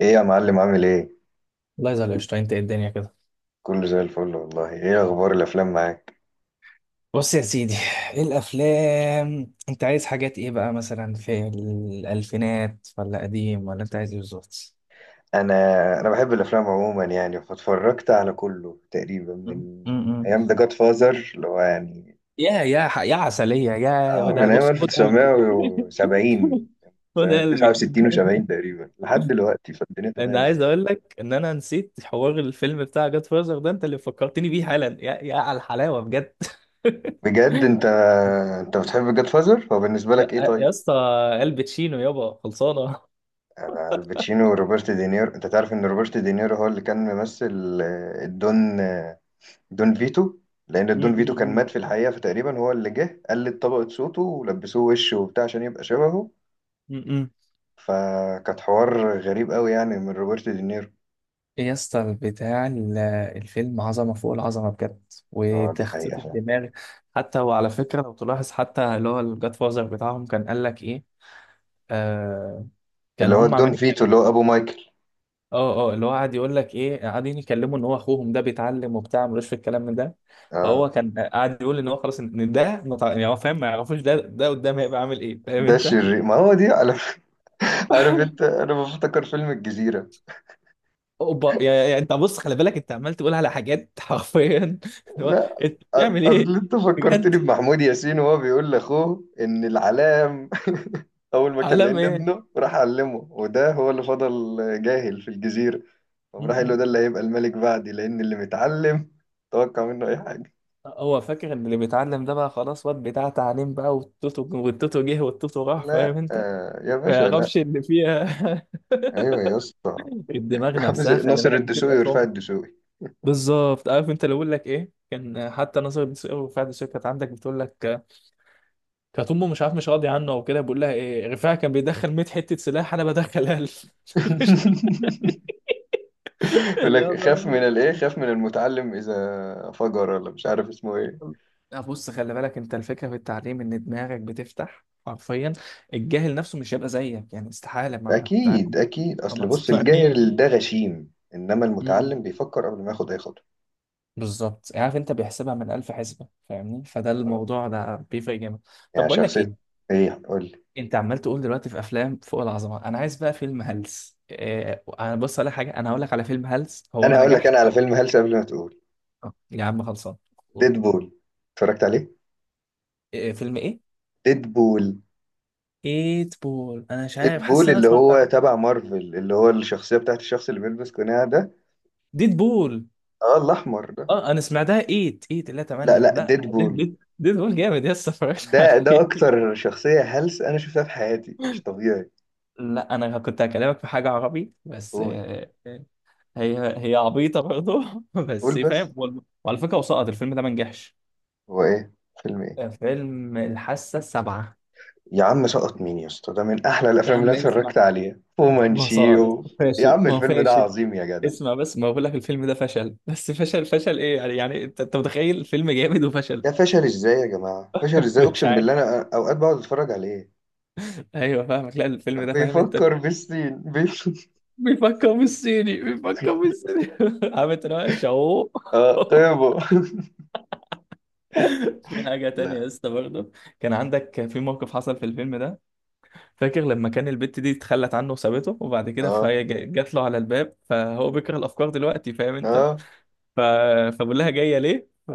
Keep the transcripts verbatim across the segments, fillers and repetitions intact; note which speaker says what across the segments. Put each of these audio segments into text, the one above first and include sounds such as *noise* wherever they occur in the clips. Speaker 1: ايه يا معلم، عامل ايه؟
Speaker 2: الله يزعل قشطة، انت ايه الدنيا كده؟
Speaker 1: كله زي الفل والله. ايه اخبار الافلام معاك؟
Speaker 2: بص يا سيدي، ايه الافلام؟ انت عايز حاجات ايه بقى، مثلا في الالفينات ولا قديم، ولا انت عايز ايه بالظبط؟
Speaker 1: انا انا بحب الافلام عموما يعني، فاتفرجت على كله تقريبا من
Speaker 2: م- م-
Speaker 1: من
Speaker 2: م.
Speaker 1: ايام ذا جاد فازر اللي هو يعني
Speaker 2: يا يا ح- يا عسلية يا
Speaker 1: اه
Speaker 2: ده،
Speaker 1: من ايام
Speaker 2: بص خد قلبي *laughs*
Speaker 1: ألف وتسعمية وسبعين،
Speaker 2: خد قلبي.
Speaker 1: تسعة وستين و70 تقريبا لحد دلوقتي، فالدنيا
Speaker 2: انا
Speaker 1: تمام يعني.
Speaker 2: عايز اقول لك ان انا نسيت حوار الفيلم بتاع جاد فازر ده، انت اللي فكرتني بيه حالا يا يا على الحلاوة بجد. *laughs*
Speaker 1: بجد انت انت بتحب جاد فازر؟ هو بالنسبه لك ايه
Speaker 2: يا
Speaker 1: طيب؟
Speaker 2: يا اسطى، الباتشينو يابا خلصانة.
Speaker 1: انا الباتشينو وروبرت دينيرو. انت تعرف ان روبرت دينيرو هو اللي كان ممثل آه، الدون آه، دون فيتو، لان
Speaker 2: م-
Speaker 1: دون فيتو كان
Speaker 2: م-
Speaker 1: مات في الحقيقه، فتقريبا هو اللي جه قلد طبقه صوته ولبسوه وش وبتاع عشان يبقى شبهه.
Speaker 2: م- م- م.
Speaker 1: فكانت حوار غريب قوي يعني من روبرت دينيرو.
Speaker 2: إيه يا اسطى بتاع ال- الفيلم، عظمة فوق العظمة بجد،
Speaker 1: اه دي حقيقه
Speaker 2: وتخطيط
Speaker 1: فعلا.
Speaker 2: الدماغ. حتى وعلى فكرة لو تلاحظ، حتى اللي هو الجاد فازر بتاعهم كان قال لك إيه، آه، كان
Speaker 1: اللي هو
Speaker 2: هم
Speaker 1: دون
Speaker 2: عاملين
Speaker 1: فيتو
Speaker 2: يتكلموا.
Speaker 1: اللي هو ابو مايكل.
Speaker 2: اه اه، اللي هو قاعد يقول لك إيه، قاعدين يكلموا إن هو أخوهم ده بيتعلم وبتاع، ملوش في الكلام من ده.
Speaker 1: اه،
Speaker 2: فهو كان قاعد يقول إن هو خلاص، إن إن ده متع- يعني هو فاهم ما يعرفوش، ده ده قدام هيبقى عامل إيه، فاهم
Speaker 1: ده
Speaker 2: أنت؟
Speaker 1: الشرير، ما هو دي على *laughs* عارف انت، انا بفتكر فيلم الجزيره.
Speaker 2: أوبا يا يا- أنت بص خلي بالك، أنت عمال تقول على حاجات حرفيا *laughs* اللي هو
Speaker 1: لا،
Speaker 2: أنت
Speaker 1: أ-
Speaker 2: بتعمل إيه؟
Speaker 1: اصل انت
Speaker 2: بجد؟
Speaker 1: فكرتني بمحمود ياسين وهو بيقول لاخوه ان العلام *laughs* اول ما كان
Speaker 2: علامة
Speaker 1: لقينا
Speaker 2: ايه؟
Speaker 1: ابنه راح علمه، وده هو اللي فضل جاهل في الجزيره. قام راح قال له،
Speaker 2: م-م.
Speaker 1: ده اللي هيبقى الملك بعدي، لأن اللي متعلم توقع منه أي حاجة.
Speaker 2: هو فاكر ان اللي بيتعلم ده بقى خلاص واد بتاع تعليم بقى، والتوتو والتوتو جه والتوتو راح، فاهم
Speaker 1: لا
Speaker 2: انت؟
Speaker 1: آه يا
Speaker 2: ما
Speaker 1: باشا، لا.
Speaker 2: يعرفش اللي فيها.
Speaker 1: أيوة يا اسطى.
Speaker 2: *laughs* الدماغ
Speaker 1: *laughs* عامل زي
Speaker 2: نفسها خلي
Speaker 1: ناصر
Speaker 2: بالك
Speaker 1: الدسوقي
Speaker 2: بتبقى
Speaker 1: ورفاعي
Speaker 2: فاهم.
Speaker 1: الدسوقي.
Speaker 2: بالظبط، عارف انت اللي بقول لك ايه؟ كان حتى نظر بتسأله، وفعلا الشركه كانت عندك بتقول لك آه، كانت امه مش عارف مش راضي عنه او كده، بقول لها ايه، رفاعي كان بيدخل مية حته سلاح، انا بدخل قال.
Speaker 1: *laughs* يقول
Speaker 2: لا
Speaker 1: لك، خاف من
Speaker 2: *laughs*
Speaker 1: الايه؟
Speaker 2: بقى،
Speaker 1: خاف من المتعلم، اذا فجر ولا مش عارف اسمه ايه.
Speaker 2: لا بص خلي بالك انت، الفكره في التعليم ان دماغك بتفتح حرفيا. الجاهل نفسه مش هيبقى زيك يعني، استحاله ما ما تع-
Speaker 1: اكيد
Speaker 2: ما
Speaker 1: اكيد، اصل
Speaker 2: ما
Speaker 1: بص،
Speaker 2: تقنعنيش.
Speaker 1: الجاهل ده غشيم، انما
Speaker 2: *laughs* أمم.
Speaker 1: المتعلم بيفكر قبل ما ياخد اي خطوه.
Speaker 2: بالظبط، عارف انت، بيحسبها من الف حسبه، فاهمني؟ فده الموضوع ده بيفرق جامد. طب
Speaker 1: يعني
Speaker 2: بقول لك
Speaker 1: شخصيه.
Speaker 2: ايه،
Speaker 1: ايه قول لي.
Speaker 2: انت عمال تقول دلوقتي في افلام فوق العظمه، انا عايز بقى فيلم هلس. إيه؟ انا بص على حاجه، انا هقول لك على فيلم هلس هو
Speaker 1: انا
Speaker 2: ما
Speaker 1: هقول لك،
Speaker 2: نجحش.
Speaker 1: انا على فيلم هلس قبل ما تقول.
Speaker 2: آه، يا عم خلصان.
Speaker 1: ديدبول، اتفرجت عليه.
Speaker 2: إيه فيلم ايه؟
Speaker 1: ديدبول.
Speaker 2: ايت بول، انا مش عارف، حاسس
Speaker 1: بول
Speaker 2: ان انا
Speaker 1: اللي
Speaker 2: اتفرجت على
Speaker 1: هو تبع مارفل، اللي هو الشخصية بتاعت الشخص اللي بيلبس قناع ده،
Speaker 2: ديد بول.
Speaker 1: اه الأحمر ده.
Speaker 2: اه، انا سمعتها تمانية
Speaker 1: لا
Speaker 2: تمانية لا
Speaker 1: لا
Speaker 2: تمانية لا، ديد
Speaker 1: بول،
Speaker 2: ديد ديد بول، جامد يس، اتفرجت
Speaker 1: ده ده
Speaker 2: عليه. *laughs*
Speaker 1: أكتر شخصية هلس أنا شفتها في حياتي، مش طبيعي.
Speaker 2: لا، انا كنت هكلمك في حاجه عربي بس،
Speaker 1: قول،
Speaker 2: آه، هي هي عبيطه برضه *laughs*
Speaker 1: قول
Speaker 2: بس فاهم.
Speaker 1: بس،
Speaker 2: وال- وعلى فكره وسقط الفيلم ده ما نجحش.
Speaker 1: هو إيه؟ فيلم إيه؟
Speaker 2: فيلم الحاسه السابعه.
Speaker 1: يا عم سقط مين يا اسطى؟ ده من أحلى
Speaker 2: يا
Speaker 1: الأفلام اللي
Speaker 2: عم
Speaker 1: أنا
Speaker 2: اسمع،
Speaker 1: اتفرجت عليها
Speaker 2: ما سقط،
Speaker 1: ومنشيو. يا
Speaker 2: فاشل،
Speaker 1: عم
Speaker 2: ما هو
Speaker 1: الفيلم ده
Speaker 2: فاشل.
Speaker 1: عظيم يا جدع.
Speaker 2: اسمع بس، ما بقول لك الفيلم ده فشل، بس فشل فشل ايه يعني، يعني انت انت متخيل فيلم جامد وفشل؟
Speaker 1: ده فشل إزاي يا جماعة؟ فشل
Speaker 2: *laughs*
Speaker 1: إزاي؟
Speaker 2: مش
Speaker 1: أقسم
Speaker 2: عارف.
Speaker 1: بالله أنا أوقات بقعد أتفرج عليه.
Speaker 2: ايوه فاهمك، لا الفيلم ده فاهم انت،
Speaker 1: بيفكر بالسين، بيفكر.
Speaker 2: بيفكر بالصيني بيفكر
Speaker 1: *laughs*
Speaker 2: بالصيني *laughs* عامل تناقش اهو. *laughs*
Speaker 1: اه طيبه.
Speaker 2: في حاجة تانية
Speaker 1: لا
Speaker 2: يا اسطى برضه، كان عندك في موقف حصل في الفيلم ده. فاكر لما كان البت دي اتخلت عنه وسابته، وبعد كده
Speaker 1: اه
Speaker 2: فهي جا- جات له على الباب، فهو بيكره الأفكار دلوقتي، فاهم أنت؟
Speaker 1: اه
Speaker 2: ف... فبقول لها جاية ليه؟ ف...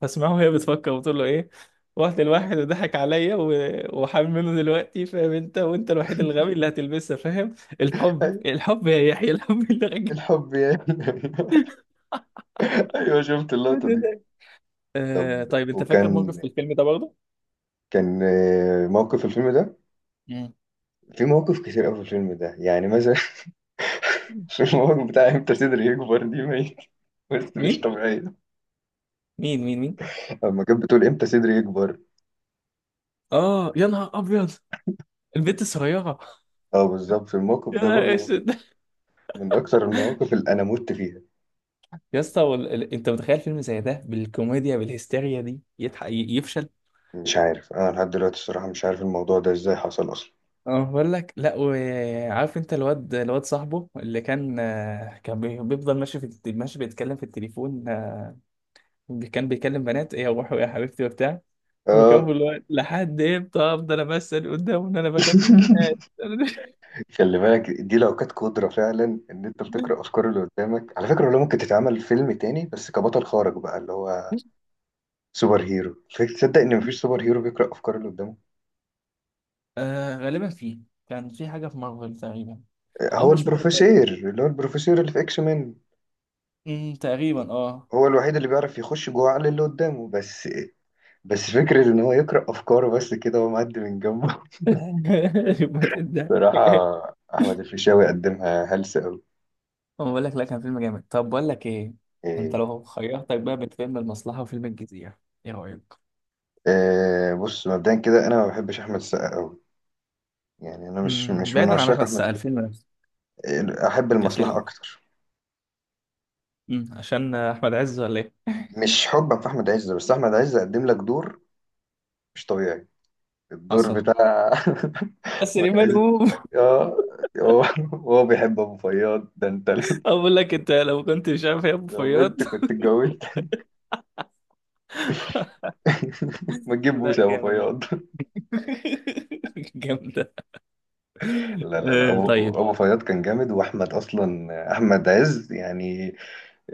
Speaker 2: فاسمعه وهي بتفكر وتقول له إيه، رحت لواحد وضحك عليا و... وحامل منه دلوقتي، فاهم أنت؟ وأنت الوحيد الغبي اللي هتلبسها، فاهم؟ الحب،
Speaker 1: أي-
Speaker 2: الحب يا يحيى، الحب اللي رجع.
Speaker 1: الحب يعني. *laughs* ايوه شفت اللقطه دي.
Speaker 2: *laughs* آه
Speaker 1: طب
Speaker 2: طيب، انت فاكر موقف
Speaker 1: وكان
Speaker 2: في الفيلم ده برضه؟
Speaker 1: كان آه، موقف في الفيلم ده،
Speaker 2: مم.
Speaker 1: في مواقف كتير قوي في الفيلم ده يعني مثلا *laughs* في الموقف بتاع امتى صدري يكبر، دي ميت، بس مش
Speaker 2: مين
Speaker 1: طبيعيه.
Speaker 2: مين مين مين؟
Speaker 1: لما كانت بتقول، امتى صدري يكبر،
Speaker 2: اه يا نهار ابيض، البنت الصغيره.
Speaker 1: اه بالظبط في
Speaker 2: *laughs*
Speaker 1: الموقف
Speaker 2: يا
Speaker 1: ده
Speaker 2: نهار
Speaker 1: برضو
Speaker 2: اسود.
Speaker 1: من اكثر المواقف اللي انا مت فيها.
Speaker 2: يا اسطى وال... ال... انت متخيل فيلم زي ده بالكوميديا بالهستيريا دي يضحك ي- يفشل؟
Speaker 1: مش عارف انا لحد دلوقتي الصراحه، مش عارف الموضوع ده ازاي حصل اصلا.
Speaker 2: اه بقول لك، لا وعارف انت، الواد الواد صاحبه اللي كان آه، كان بي- بيفضل ماشي في الت- ماشي بيتكلم في التليفون آه، كان بيكلم بنات ايه يا روحي يا حبيبتي وبتاع، وكان
Speaker 1: اه.
Speaker 2: بيقول له لحد امتى افضل امثل قدامه ان انا بكلم
Speaker 1: *laughs*
Speaker 2: بنات.
Speaker 1: خلي بالك دي لو كانت قدرة فعلا، إن أنت بتقرأ
Speaker 2: *laughs*
Speaker 1: أفكار اللي قدامك، على فكرة والله ممكن تتعمل فيلم تاني، بس كبطل خارق بقى، اللي هو سوبر هيرو. فك- تصدق إن مفيش سوبر هيرو بيقرأ أفكار اللي قدامه؟
Speaker 2: آه غالبا فيه، كان في حاجة في مارفل تقريبا، أو
Speaker 1: هو
Speaker 2: مش مارفل،
Speaker 1: البروفيسور، اللي هو البروفيسور اللي في إكس مان،
Speaker 2: مم، تقريبا اه.
Speaker 1: هو الوحيد اللي بيعرف يخش جوه عقل اللي قدامه بس. بس فكرة إن هو يقرأ أفكاره بس كده وهو معدي من جنبه.
Speaker 2: *laughs* يبقى
Speaker 1: *laughs*
Speaker 2: ده.
Speaker 1: صراحة أحمد الفيشاوي قدمها هلسة أوي.
Speaker 2: أنا بقول لك لا، كان فيلم جامد. طب بقول لك ايه، انت
Speaker 1: إيه.
Speaker 2: لو خيرتك بقى بين فيلم المصلحة وفيلم الجزيرة، ايه رأيك؟
Speaker 1: إيه، بص مبدئيا كده أنا ما بحبش أحمد السقا أوي، يعني أنا مش
Speaker 2: امم
Speaker 1: مش من
Speaker 2: بعيدا عن احمد
Speaker 1: عشاق أحمد.
Speaker 2: السقا، الفيلم نفسه
Speaker 1: احب المصلحه
Speaker 2: كفيلم.
Speaker 1: اكتر.
Speaker 2: امم عشان احمد عز ولا ايه؟
Speaker 1: مش حبا في احمد عز، بس احمد عز قدم لك دور مش طبيعي، الدور
Speaker 2: حصل.
Speaker 1: بتاع *laughs*
Speaker 2: *laughs* بس
Speaker 1: احمد
Speaker 2: سليمان
Speaker 1: عز.
Speaker 2: قوم.
Speaker 1: اه هو *laughs* هو بيحب ابو فياض ده انت. *laughs*
Speaker 2: *laughs* اقول لك انت، لو كنت مش عارف يا ابو
Speaker 1: لو
Speaker 2: فياض.
Speaker 1: بنت كنت اتجوزت. *laughs* ما
Speaker 2: *laughs* لا
Speaker 1: تجيبوش ابو
Speaker 2: جامد.
Speaker 1: فياض. *laughs*
Speaker 2: *laughs* جامدة.
Speaker 1: لا لا لا،
Speaker 2: آه،
Speaker 1: ابو
Speaker 2: طيب.
Speaker 1: ابو فياض كان جامد، واحمد اصلا، احمد عز يعني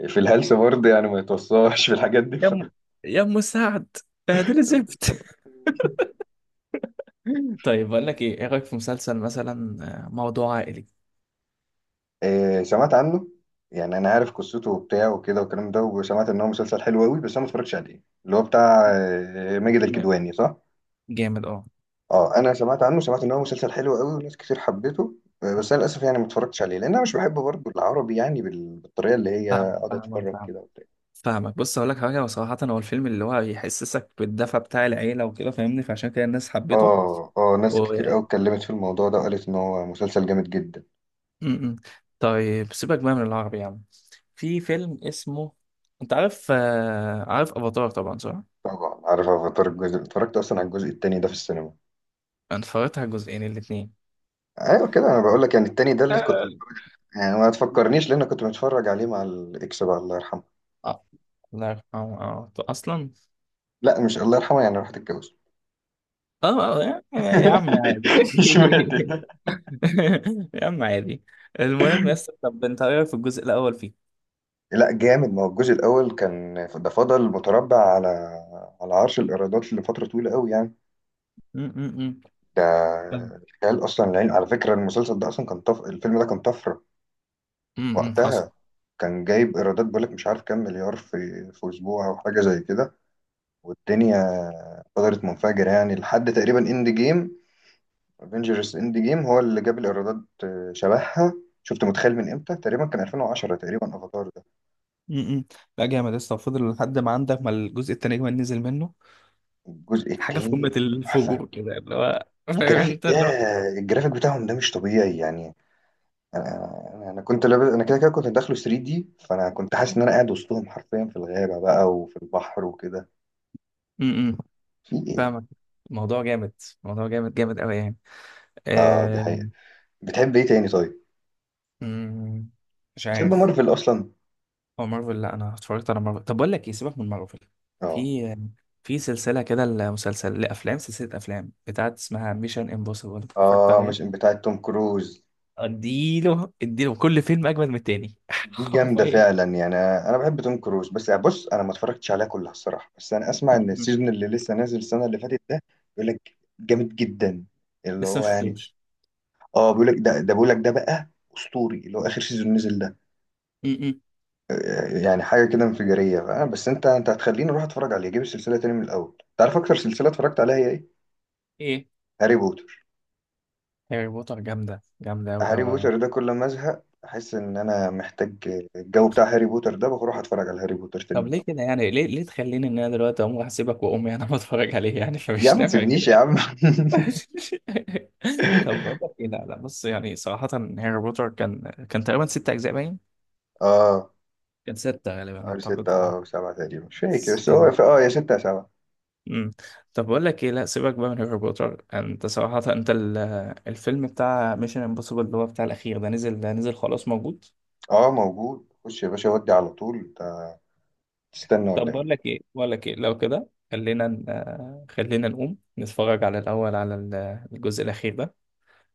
Speaker 1: في الهلس برضه، يعني ما يتوصاش في الحاجات دي.
Speaker 2: يا ام يا ام سعد، بهدل زفت. *laughs* طيب بقول لك ايه، ايه رايك في مسلسل مثلا، آه، موضوع عائلي؟
Speaker 1: إيه، سمعت عنه، يعني انا عارف قصته وبتاع وكده والكلام ده، وسمعت ان هو مسلسل حلو قوي، بس انا ما اتفرجتش عليه. اللي هو بتاع آه، ماجد
Speaker 2: م-
Speaker 1: الكدواني، صح.
Speaker 2: جامد اه.
Speaker 1: اه انا سمعت عنه، سمعت ان هو مسلسل حلو قوي وناس كتير حبته. آه، بس انا للاسف يعني ما اتفرجتش عليه، لان انا مش بحب برضه العربي، يعني بال- بالطريقه اللي هي
Speaker 2: فاهمك
Speaker 1: اقعد
Speaker 2: فاهمك
Speaker 1: اتفرج
Speaker 2: فاهمك
Speaker 1: كده وبتاع.
Speaker 2: فاهمك بص، اقول لك حاجه وصراحه، هو الفيلم اللي هو يحسسك بالدفى بتاع العيله وكده، فاهمني؟ فعشان كده الناس حبته.
Speaker 1: اه اه ناس
Speaker 2: و...
Speaker 1: كتير قوي اتكلمت في الموضوع ده، وقالت ان هو مسلسل جامد جدا.
Speaker 2: م- م. طيب سيبك بقى من العربي يا عم. في فيلم اسمه، انت عارف آه، عارف افاتار طبعا صح؟
Speaker 1: طبعا عارف افاتار. الجزء اتفرجت اصلا على الجزء التاني ده في السينما.
Speaker 2: انا اتفرجت على الجزئين الاثنين.
Speaker 1: ايوه كده، انا بقول لك يعني التاني ده اللي كنت، يعني ما تفكرنيش، لان كنت بتفرج عليه مع الاكس بقى، الله يرحمه.
Speaker 2: آه، الله يرحمه، اه اصلا.
Speaker 1: لا مش الله يرحمه يعني، راح تتجوز.
Speaker 2: اه يا عم، يا عم عادي.
Speaker 1: *laughs* اشمعنى ده.
Speaker 2: *laughs* يا عم عادي. المهم يا اسطى، طب انت ايه رايك في الجزء الاول فيه؟
Speaker 1: لا جامد، ما هو الجزء الاول كان ده فضل متربع على على عرش الايرادات لفتره طويله قوي يعني.
Speaker 2: امم
Speaker 1: ده خيال اصلا. العين على فكره، المسلسل ده اصلا كان طف... الفيلم ده كان طفره
Speaker 2: امم حصل.
Speaker 1: وقتها، كان جايب ايرادات بقولك مش عارف كام مليار في في اسبوع او حاجه زي كده، والدنيا فضلت منفجره يعني لحد تقريبا اند جيم. افنجرز اند جيم هو اللي جاب الايرادات آه، شبهها. شفت؟ متخيل؟ من امتى تقريبا كان ألفين وعشرة تقريبا افاتار ده.
Speaker 2: امم لا جامد يا اسطى، وفضل لحد ما عندك ما الجزء التاني كمان نزل منه
Speaker 1: الجزء
Speaker 2: حاجه في
Speaker 1: التاني
Speaker 2: قمه
Speaker 1: تحفه،
Speaker 2: الفجور كده، اللي هو *laughs* فاهم
Speaker 1: الجرافيك
Speaker 2: انت
Speaker 1: ده،
Speaker 2: اللي هو.
Speaker 1: الجرافيك بتاعهم ده مش طبيعي يعني. انا انا كنت لابس، انا كده كده كنت داخله 3 دي، فانا كنت حاسس ان انا قاعد وسطهم حرفيا في الغابه بقى وفي البحر وكده.
Speaker 2: امم
Speaker 1: في ايه؟
Speaker 2: فاهمك، الموضوع جامد، الموضوع جامد جامد قوي يعني.
Speaker 1: اه دي حقيقه.
Speaker 2: آه...
Speaker 1: بتحب ايه تاني طيب؟
Speaker 2: مم، مش
Speaker 1: بتحب
Speaker 2: عارف.
Speaker 1: مارفل اصلا؟
Speaker 2: هو مارفل، لا انا اتفرجت على مارفل، طب بقول لك ايه، سيبك من مارفل.
Speaker 1: اه
Speaker 2: في في سلسله كده، المسلسل لافلام، سلسله افلام بتاعت اسمها ميشن امبوسيبل، اتفرجت
Speaker 1: اه،
Speaker 2: عليها؟
Speaker 1: مش بتاعه توم كروز؟
Speaker 2: اديله اديله كل فيلم اجمل من التاني *laughs*
Speaker 1: دي جامده
Speaker 2: حرفيا.
Speaker 1: فعلا يعني. انا بحب توم كروز، بس يعني بص انا ما اتفرجتش عليها كلها الصراحه، بس انا اسمع ان
Speaker 2: م-م.
Speaker 1: السيزون اللي لسه نازل السنه اللي فاتت ده بيقول لك جامد جدا، اللي
Speaker 2: لسه ما
Speaker 1: هو يعني.
Speaker 2: شفتوش.
Speaker 1: اه بيقول لك ده ده بيقول لك ده بقى اسطوري، اللي هو اخر سيزون نزل ده.
Speaker 2: م-م.
Speaker 1: آه، يعني حاجه كده انفجاريه، فأنا- بس انت انت هتخليني اروح اتفرج عليه، اجيب السلسله تاني من الاول. تعرف اكتر سلسله اتفرجت عليها هي ايه؟
Speaker 2: ايه،
Speaker 1: هاري بوتر.
Speaker 2: هاري بوتر جامده، جامده قوي
Speaker 1: هاري
Speaker 2: قوي يعني.
Speaker 1: بوتر ده كل ما ازهق احس ان انا محتاج الجو بتاع هاري بوتر ده، بروح اتفرج على هاري بوتر تاني من
Speaker 2: طب
Speaker 1: الاول.
Speaker 2: ليه كده يعني، ليه ليه تخليني ان انا دلوقتي اقوم هسيبك وامي انا بتفرج عليه يعني؟ *laughs*
Speaker 1: يا عم
Speaker 2: فمش
Speaker 1: ما
Speaker 2: نافع
Speaker 1: تسيبنيش
Speaker 2: كده
Speaker 1: يا
Speaker 2: يعني.
Speaker 1: عم. *laughs*
Speaker 2: *laughs* طب بقول لك
Speaker 1: *laughs*
Speaker 2: ايه، لا لا بص، يعني صراحه هاري بوتر كان كان تقريبا ست اجزاء باين،
Speaker 1: اه،
Speaker 2: كان ستة غالبا
Speaker 1: اول ستة
Speaker 2: أعتقد
Speaker 1: اه،
Speaker 2: أه.
Speaker 1: أو سبعة تقريبا مش فاكر،
Speaker 2: بس
Speaker 1: بس هو
Speaker 2: كان،
Speaker 1: في اه يا ستة يا سبعة.
Speaker 2: مم. طب بقول لك إيه، لا سيبك بقى من هاري بوتر. أنت صراحة أنت ال- الفيلم بتاع ميشن امبوسيبل اللي هو بتاع الأخير ده، نزل؟ ده نزل خلاص موجود.
Speaker 1: اه موجود، خش يا باشا ودي على طول، انت تستنى
Speaker 2: طب
Speaker 1: ولا ايه؟
Speaker 2: بقول لك إيه، بقول لك إيه، لو كده خلينا ن- خلينا نقوم نتفرج على الأول على ال- الجزء الأخير ده،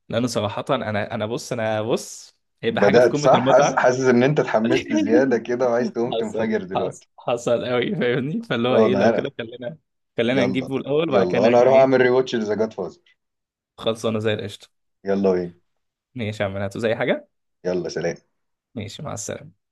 Speaker 2: لأن صراحة أنا أنا بص، أنا بص هيبقى حاجة في
Speaker 1: بدأت
Speaker 2: قمة
Speaker 1: صح، حاسس
Speaker 2: المتعة.
Speaker 1: حاسس ان انت اتحمست زيادة
Speaker 2: *laughs*
Speaker 1: كده وعايز تقوم
Speaker 2: حصل
Speaker 1: تنفجر
Speaker 2: حصل
Speaker 1: دلوقتي.
Speaker 2: حصل قوي، فاهمني؟ فاللي هو
Speaker 1: اه
Speaker 2: إيه،
Speaker 1: ده
Speaker 2: لو
Speaker 1: عرق.
Speaker 2: كده خلينا، خلينا
Speaker 1: يلا.
Speaker 2: نجيبه الأول وبعد كده
Speaker 1: يلا انا
Speaker 2: نرجع
Speaker 1: هروح
Speaker 2: إيه.
Speaker 1: اعمل ريواتش لذا جاد فازر.
Speaker 2: خلصانه زي القشطه.
Speaker 1: يلا وين.
Speaker 2: ماشي يا عم، هاتوا زي حاجه.
Speaker 1: يلا سلام.
Speaker 2: ماشي، مع السلامه.